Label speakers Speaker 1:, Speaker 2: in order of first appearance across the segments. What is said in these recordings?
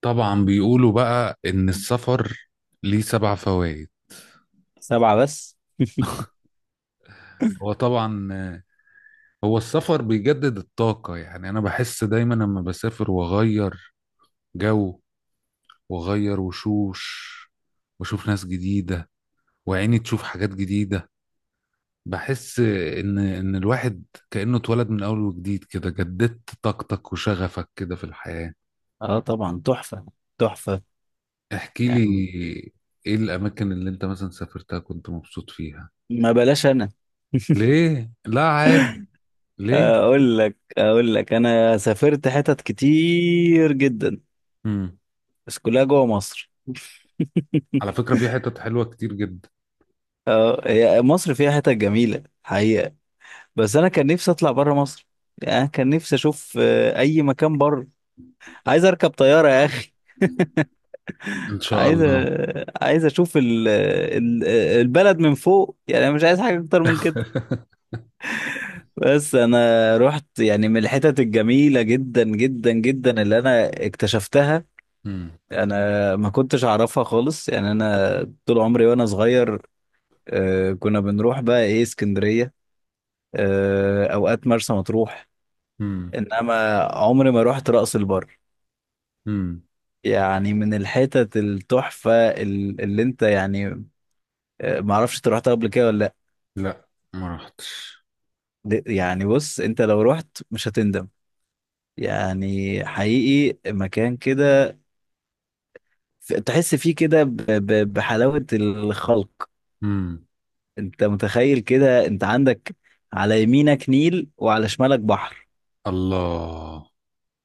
Speaker 1: طبعا بيقولوا بقى ان السفر ليه سبع فوائد.
Speaker 2: سبعة بس.
Speaker 1: هو طبعا، هو السفر بيجدد الطاقة. يعني انا بحس دايما لما بسافر واغير جو، واغير وشوش، واشوف ناس جديدة، وعيني تشوف حاجات جديدة، بحس ان الواحد كأنه اتولد من اول وجديد، كده جددت طاقتك وشغفك كده في الحياة.
Speaker 2: اه، طبعا تحفة. تحفة.
Speaker 1: احكي
Speaker 2: يعني
Speaker 1: لي، ايه الاماكن اللي انت مثلا سافرتها كنت مبسوط فيها؟
Speaker 2: ما بلاش. انا
Speaker 1: ليه، لا عادي. ليه؟
Speaker 2: اقول لك انا سافرت حتت كتير جدا،
Speaker 1: مم.
Speaker 2: بس كلها جوه مصر.
Speaker 1: على فكرة في حتت حلوة كتير جدا.
Speaker 2: اه، هي مصر فيها حتت جميلة حقيقة، بس انا كان نفسي اطلع بره مصر. يعني أنا كان نفسي اشوف اي مكان بره. عايز اركب طيارة يا اخي.
Speaker 1: ان شاء الله.
Speaker 2: عايز اشوف البلد من فوق. يعني أنا مش عايز حاجة اكتر من كده. بس انا رحت يعني من الحتت الجميله جدا جدا جدا اللي انا اكتشفتها.
Speaker 1: امم.
Speaker 2: انا ما كنتش اعرفها خالص. يعني انا طول عمري وانا صغير كنا بنروح بقى ايه اسكندريه. اوقات مرسى مطروح.
Speaker 1: امم.
Speaker 2: انما عمري ما رحت رأس البر.
Speaker 1: امم.
Speaker 2: يعني من الحتت التحفه اللي انت يعني. ما اعرفش انت رحتها قبل كده ولا لا؟
Speaker 1: لا، ما رحتش.
Speaker 2: يعني بص، انت لو رحت مش هتندم. يعني حقيقي مكان كده، تحس فيه كده بحلاوة الخلق.
Speaker 1: امم.
Speaker 2: انت متخيل كده؟ انت عندك على يمينك نيل وعلى شمالك بحر.
Speaker 1: الله.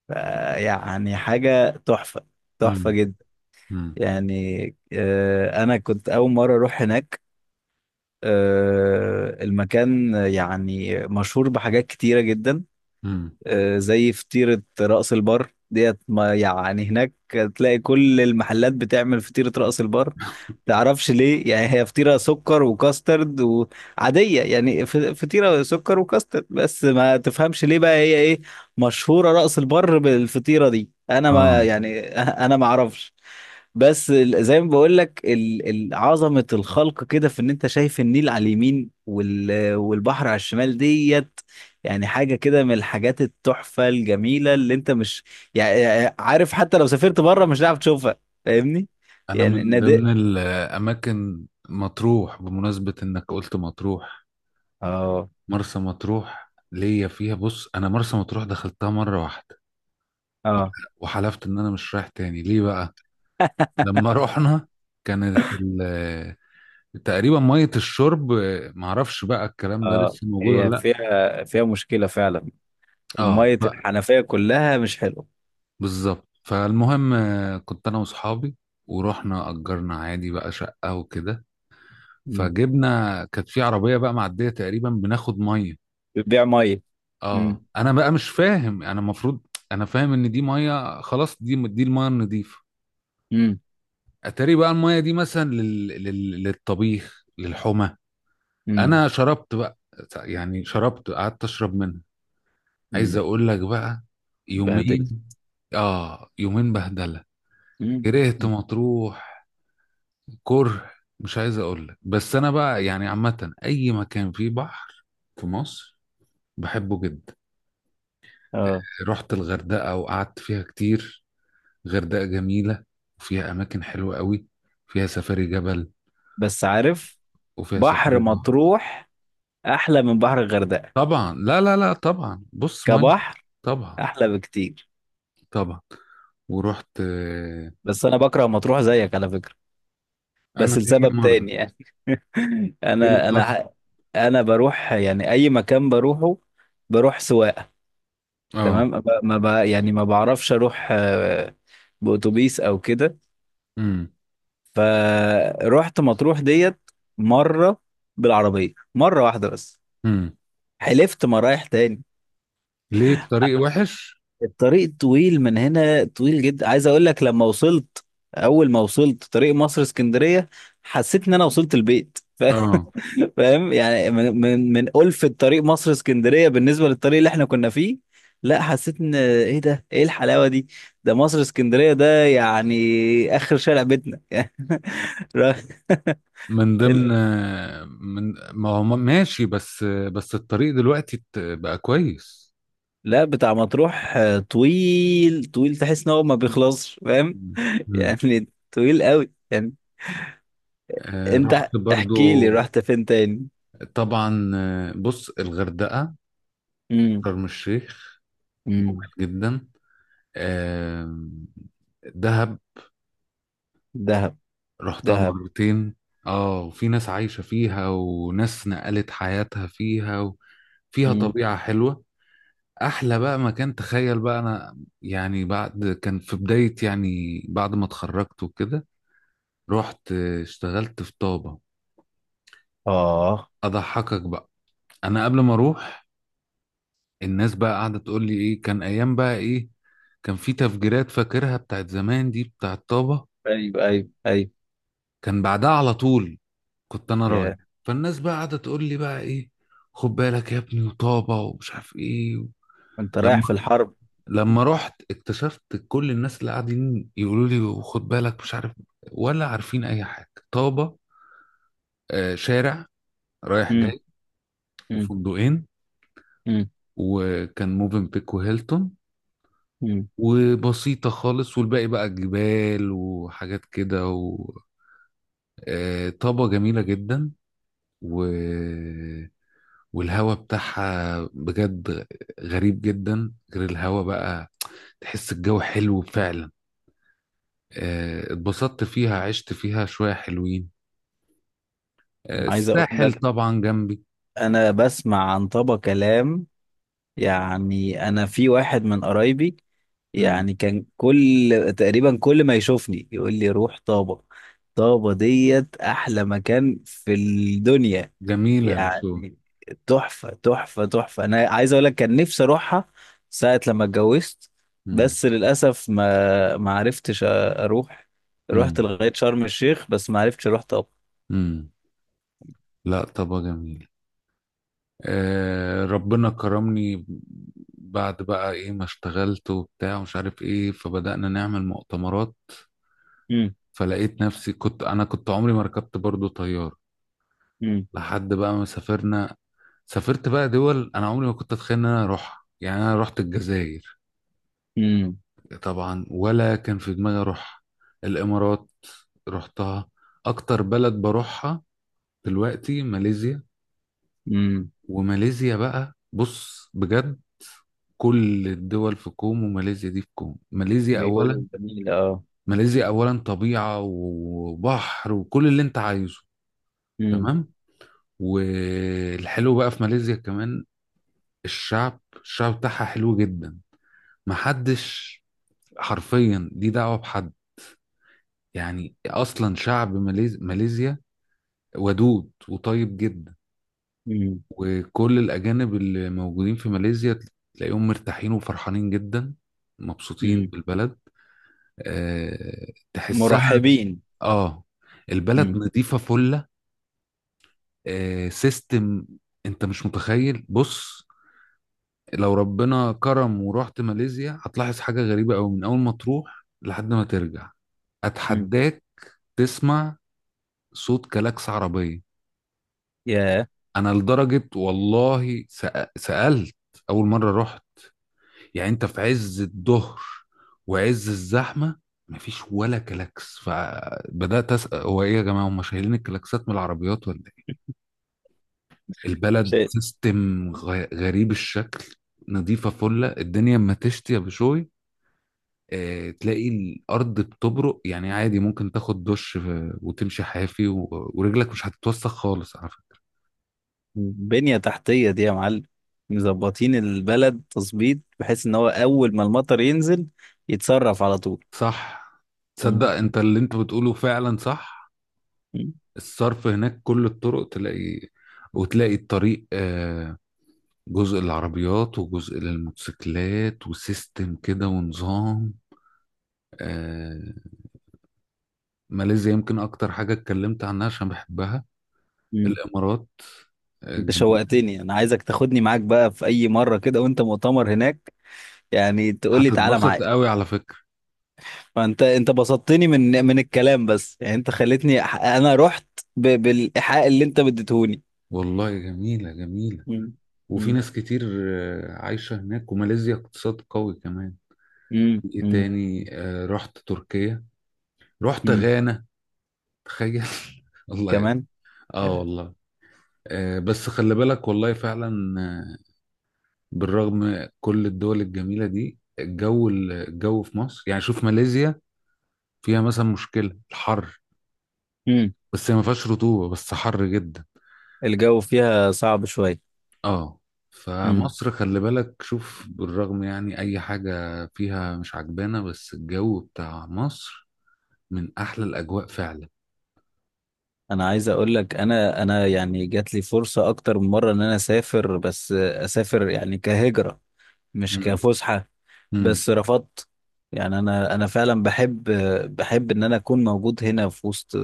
Speaker 2: ف- يعني حاجة تحفة. تحفة
Speaker 1: امم.
Speaker 2: جدا.
Speaker 1: امم.
Speaker 2: يعني انا كنت اول مرة اروح هناك. المكان يعني مشهور بحاجات كتيرة جدا.
Speaker 1: امم.
Speaker 2: زي فطيرة رأس البر ديت، ما يعني هناك تلاقي كل المحلات بتعمل فطيرة رأس البر. تعرفش ليه؟ يعني هي فطيرة سكر وكاسترد وعادية، يعني فطيرة سكر وكاسترد بس، ما تفهمش ليه بقى هي ايه مشهورة رأس البر بالفطيرة دي. انا ما
Speaker 1: اه.
Speaker 2: يعني انا ما اعرفش. بس زي ما بقول لك عظمة الخلق كده، في ان انت شايف النيل على اليمين والبحر على الشمال ديت. يعني حاجة كده من الحاجات التحفة الجميلة اللي انت مش يعني عارف. حتى لو سافرت بره مش هتعرف تشوفها. فاهمني؟
Speaker 1: انا
Speaker 2: يعني
Speaker 1: من
Speaker 2: نادق.
Speaker 1: ضمن الاماكن مطروح، بمناسبة انك قلت مطروح.
Speaker 2: اه
Speaker 1: مرسى مطروح ليا فيها، بص، انا مرسى مطروح دخلتها مرة واحدة وح-
Speaker 2: اه.
Speaker 1: وحلفت ان انا مش رايح تاني. ليه بقى؟ لما رحنا كانت تقريبا مية الشرب، معرفش بقى الكلام ده
Speaker 2: اه،
Speaker 1: لسه موجود
Speaker 2: هي
Speaker 1: ولا.
Speaker 2: فيها مشكلة فعلا.
Speaker 1: اه
Speaker 2: مية
Speaker 1: بقى.
Speaker 2: الحنفية كلها مش حلوة.
Speaker 1: بالظبط. فالمهم، كنت انا واصحابي ورحنا اجرنا عادي بقى شقه وكده.
Speaker 2: مم.
Speaker 1: فجبنا، كانت في عربيه بقى معديه تقريبا، بناخد ميه.
Speaker 2: بتبيع مية. مم.
Speaker 1: اه، انا بقى مش فاهم، انا المفروض انا فاهم ان دي ميه خلاص، دي الميه النظيفه.
Speaker 2: مم.
Speaker 1: اتاري بقى الميه دي مثلا للطبيخ، للحمى. انا
Speaker 2: مم.
Speaker 1: شربت بقى، يعني شربت قعدت اشرب منها. عايز
Speaker 2: مم.
Speaker 1: اقول لك بقى،
Speaker 2: بهدلت.
Speaker 1: يومين. اه، يومين بهدله.
Speaker 2: مم.
Speaker 1: كرهت
Speaker 2: مم.
Speaker 1: مطروح. كره. مش عايز اقول لك. بس انا بقى يعني عامه، اي مكان فيه بحر في مصر بحبه جدا.
Speaker 2: اه.
Speaker 1: رحت الغردقه وقعدت فيها كتير. غردقه جميله وفيها اماكن حلوه قوي. فيها سفاري جبل
Speaker 2: بس عارف،
Speaker 1: وفيها
Speaker 2: بحر
Speaker 1: سفاري بحر.
Speaker 2: مطروح أحلى من بحر الغردقة.
Speaker 1: طبعا، لا لا لا، طبعا بص، ميه.
Speaker 2: كبحر،
Speaker 1: طبعا.
Speaker 2: أحلى بكتير.
Speaker 1: طبعا. ورحت،
Speaker 2: بس أنا بكره مطروح زيك على فكرة،
Speaker 1: انا
Speaker 2: بس
Speaker 1: هي
Speaker 2: لسبب
Speaker 1: مره.
Speaker 2: تاني يعني.
Speaker 1: ايه اللي
Speaker 2: انا انا
Speaker 1: حصل؟
Speaker 2: ح- انا بروح يعني اي مكان بروحه، بروح سواقه.
Speaker 1: اه.
Speaker 2: تمام، ما ب- ما ب- يعني ما بعرفش اروح باتوبيس او كده.
Speaker 1: امم.
Speaker 2: فروحت مطروح ديت مره، بالعربيه مره واحده بس.
Speaker 1: امم.
Speaker 2: حلفت ما رايح تاني.
Speaker 1: ليه، الطريق وحش؟
Speaker 2: الطريق طويل من هنا، طويل جدا. عايز اقول لك، لما وصلت، اول ما وصلت طريق مصر اسكندريه، حسيت ان انا وصلت البيت.
Speaker 1: اه.
Speaker 2: فاهم يعني، من ألفة طريق مصر اسكندرية بالنسبة للطريق اللي احنا كنا فيه. لا، حسيت ان ايه ده، ايه الحلاوة دي؟ ده مصر اسكندرية، ده يعني اخر شارع بيتنا. ر-
Speaker 1: من ضمن.
Speaker 2: ال-
Speaker 1: من، ما هو ماشي، بس الطريق دلوقتي بقى كويس.
Speaker 2: لا، بتاع مطروح طويل طويل، تحس ان هو ما بيخلصش، فاهم؟
Speaker 1: مم.
Speaker 2: يعني طويل قوي يعني. انت
Speaker 1: رحت برضو،
Speaker 2: احكي لي رحت فين تاني؟
Speaker 1: طبعا. بص، الغردقة،
Speaker 2: امم.
Speaker 1: شرم الشيخ، جميل
Speaker 2: امم.
Speaker 1: جدا. آه، دهب،
Speaker 2: دهب.
Speaker 1: رحتها
Speaker 2: دهب.
Speaker 1: مرتين. اه، وفي ناس عايشة فيها وناس نقلت حياتها فيها، وفيها
Speaker 2: امم.
Speaker 1: طبيعة حلوة. احلى بقى مكان، تخيل بقى، انا يعني بعد كان في بداية، يعني بعد ما اتخرجت وكده رحت اشتغلت في طابة.
Speaker 2: اه.
Speaker 1: اضحكك بقى. انا قبل ما اروح، الناس بقى قاعدة تقول لي ايه، كان ايام بقى ايه. كان في تفجيرات، فاكرها بتاعت زمان دي، بتاعت طابة،
Speaker 2: ايوه، ايوه، ايوه.
Speaker 1: كان بعدها على طول. كنت انا
Speaker 2: يا،
Speaker 1: راجع، فالناس بقى قاعدة تقول لي بقى ايه، خد بالك يا ابني، وطابة ومش عارف ايه
Speaker 2: انت رايح
Speaker 1: لما
Speaker 2: في الحرب؟
Speaker 1: لما رحت اكتشفت كل الناس اللي قاعدين يقولوا لي خد بالك، مش عارف، ولا عارفين اي حاجة. طابة، شارع رايح جاي،
Speaker 2: مم.
Speaker 1: وفندقين،
Speaker 2: مم.
Speaker 1: وكان موفنبيك وهيلتون،
Speaker 2: مم.
Speaker 1: وبسيطة خالص، والباقي بقى جبال وحاجات كده. وطابة جميلة جدا و... والهوا بتاعها بجد غريب جدا. غير الهوا بقى، تحس الجو حلو فعلا. اتبسطت فيها، عشت فيها شوية حلوين.
Speaker 2: عايز اقول
Speaker 1: الساحل
Speaker 2: لك،
Speaker 1: طبعا جنبي.
Speaker 2: انا بسمع عن طبق كلام، يعني انا في واحد من قرايبي
Speaker 1: مم.
Speaker 2: يعني، كان كل تقريبا، كل ما يشوفني يقول لي روح طابة، طابة ديت احلى مكان في الدنيا.
Speaker 1: جميلة بشو.
Speaker 2: يعني تحفة تحفة تحفة، انا عايز اقول لك كان نفسي اروحها ساعة لما اتجوزت،
Speaker 1: مم.
Speaker 2: بس للاسف ما عرفتش اروح. رحت
Speaker 1: مم.
Speaker 2: لغاية شرم الشيخ بس ما عرفتش اروح طابة.
Speaker 1: مم. لا، طابة جميلة. ربنا كرمني. بعد بقى ايه، ما اشتغلت وبتاع ومش عارف ايه، فبدأنا نعمل مؤتمرات. فلقيت نفسي، كنت عمري ما ركبت برضو طيار
Speaker 2: مم.
Speaker 1: لحد بقى ما سافرنا. سافرت بقى دول انا عمري ما كنت اتخيل ان انا اروحها. يعني انا رحت الجزائر،
Speaker 2: امم.
Speaker 1: طبعا ولا كان في دماغي اروح. الامارات رحتها. اكتر بلد بروحها دلوقتي ماليزيا.
Speaker 2: امم.
Speaker 1: وماليزيا بقى، بص بجد، كل الدول في كوم وماليزيا دي في كوم. ماليزيا
Speaker 2: بيقولوا
Speaker 1: اولا.
Speaker 2: جميل، اه.
Speaker 1: ماليزيا اولا طبيعة وبحر وكل اللي انت عايزه،
Speaker 2: امم.
Speaker 1: تمام. والحلو بقى في ماليزيا كمان، الشعب بتاعها حلو جدا. محدش، حرفيا دي دعوة بحد، يعني اصلا شعب ماليزيا ودود وطيب جدا.
Speaker 2: امم.
Speaker 1: وكل الأجانب اللي موجودين في ماليزيا تلاقيهم مرتاحين وفرحانين جدا، مبسوطين
Speaker 2: امم.
Speaker 1: بالبلد. أه، تحسها.
Speaker 2: مرحبين.
Speaker 1: اه. البلد
Speaker 2: امم.
Speaker 1: نظيفة فلة. أه، سيستم. انت مش متخيل، بص، لو ربنا كرم ورحت ماليزيا هتلاحظ حاجة غريبة أوي من أول ما تروح لحد ما ترجع.
Speaker 2: امم.
Speaker 1: أتحداك تسمع صوت كلاكس عربية.
Speaker 2: يا
Speaker 1: أنا لدرجة، والله، سألت أول مرة رحت. يعني انت في عز الظهر وعز الزحمه، مفيش ولا كلاكس. فبدات اسال، هو ايه يا جماعه، هم شايلين الكلاكسات من العربيات ولا ايه. البلد
Speaker 2: شيء.
Speaker 1: سيستم غريب الشكل. نظيفه فله الدنيا، اما تشتي يا بشوي اه، تلاقي الارض بتبرق. يعني عادي ممكن تاخد دش وتمشي حافي ورجلك مش هتتوسخ خالص على فكره.
Speaker 2: بنية تحتية دي يا معلم. مظبطين البلد تظبيط بحيث ان هو اول ما المطر ينزل، يتصرف على طول.
Speaker 1: صح. تصدق
Speaker 2: امم.
Speaker 1: انت اللي انت بتقوله فعلا صح.
Speaker 2: امم.
Speaker 1: الصرف هناك كل الطرق تلاقي، وتلاقي الطريق جزء للعربيات وجزء للموتوسيكلات، وسيستم كده ونظام. آه، ماليزيا يمكن أكتر حاجة اتكلمت عنها عشان بحبها.
Speaker 2: امم.
Speaker 1: الإمارات
Speaker 2: انت
Speaker 1: جميل.
Speaker 2: شوقتني، انا عايزك تاخدني معاك بقى في اي مرة كده وانت مؤتمر هناك. يعني تقول لي تعالى
Speaker 1: هتتبسط
Speaker 2: معايا.
Speaker 1: قوي على فكرة.
Speaker 2: فانت بسطتني من الكلام بس، يعني انت خلتني انا رحت بالايحاء اللي انت بديتهوني.
Speaker 1: والله جميلة جميلة.
Speaker 2: مم.
Speaker 1: وفي
Speaker 2: مم.
Speaker 1: ناس كتير عايشة هناك، وماليزيا اقتصاد قوي كمان.
Speaker 2: مم.
Speaker 1: إيه
Speaker 2: مم.
Speaker 1: تاني؟ رحت تركيا، رحت
Speaker 2: مم.
Speaker 1: غانا. تخيل. الله يك-
Speaker 2: كمان.
Speaker 1: اه والله. بس خلي بالك، والله فعلا بالرغم كل الدول الجميلة دي، الجو في مصر، يعني شوف ماليزيا فيها مثلا مشكلة الحر،
Speaker 2: مم.
Speaker 1: بس هي ما فيهاش رطوبة، بس حر جدا.
Speaker 2: الجو فيها صعب شوية.
Speaker 1: اه.
Speaker 2: مم.
Speaker 1: فمصر خلي بالك، شوف، بالرغم يعني اي حاجة فيها مش عجبانة، بس الجو بتاع مصر من احلى الاجواء فعلا.
Speaker 2: انا عايز اقول لك، انا يعني جات لي فرصة اكتر من مرة ان انا اسافر، بس اسافر يعني كهجرة مش
Speaker 1: مم.
Speaker 2: كفسحة.
Speaker 1: مم.
Speaker 2: بس رفضت. يعني انا فعلا بحب ان انا اكون موجود هنا في وسط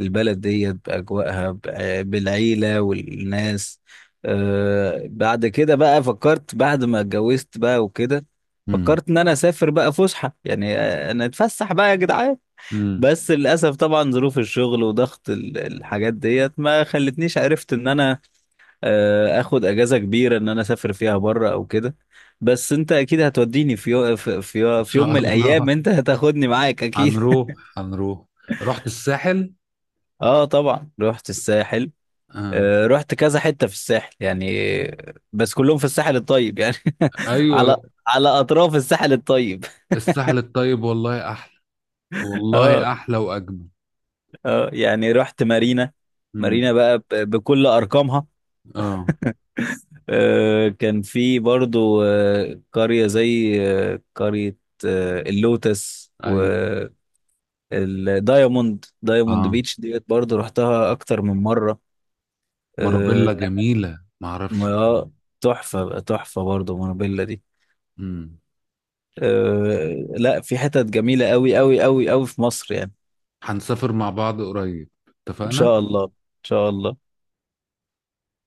Speaker 2: البلد دي باجواءها، بالعيله والناس. بعد كده بقى فكرت بعد ما اتجوزت بقى وكده.
Speaker 1: مم.
Speaker 2: فكرت ان انا اسافر بقى فسحه. يعني انا اتفسح بقى يا جدعان.
Speaker 1: مم.
Speaker 2: بس للاسف طبعا ظروف الشغل وضغط الحاجات ديت ما خلتنيش عرفت ان انا اخد اجازه كبيره ان انا اسافر فيها بره او كده. بس انت اكيد هتوديني
Speaker 1: ان
Speaker 2: في
Speaker 1: شاء
Speaker 2: يوم من الايام،
Speaker 1: الله.
Speaker 2: انت هتاخدني معاك اكيد.
Speaker 1: هنروح هنروح. رحت الساحل.
Speaker 2: اه، طبعا رحت الساحل.
Speaker 1: آه.
Speaker 2: رحت كذا حته في الساحل، يعني بس كلهم في الساحل الطيب يعني. على
Speaker 1: ايوه،
Speaker 2: على اطراف الساحل الطيب.
Speaker 1: الساحل الطيب، والله احلى،
Speaker 2: اه.
Speaker 1: والله احلى واجمل.
Speaker 2: اه، يعني رحت مارينا.
Speaker 1: امم.
Speaker 2: مارينا بقى بكل ارقامها.
Speaker 1: اه.
Speaker 2: كان في برضو قريه زي قريه اللوتس و
Speaker 1: ايوه.
Speaker 2: دايموند
Speaker 1: اه،
Speaker 2: بيتش ديت برضه رحتها اكتر من مره. آه
Speaker 1: مارابيلا
Speaker 2: لا،
Speaker 1: جميله، ما اعرفش.
Speaker 2: ما- آه، تحفه تحفه برضه مونوبيلا دي.
Speaker 1: امم.
Speaker 2: لا، في حتت جميله قوي قوي قوي قوي في مصر يعني.
Speaker 1: هنسافر مع بعض قريب.
Speaker 2: ان
Speaker 1: اتفقنا.
Speaker 2: شاء الله. ان شاء الله.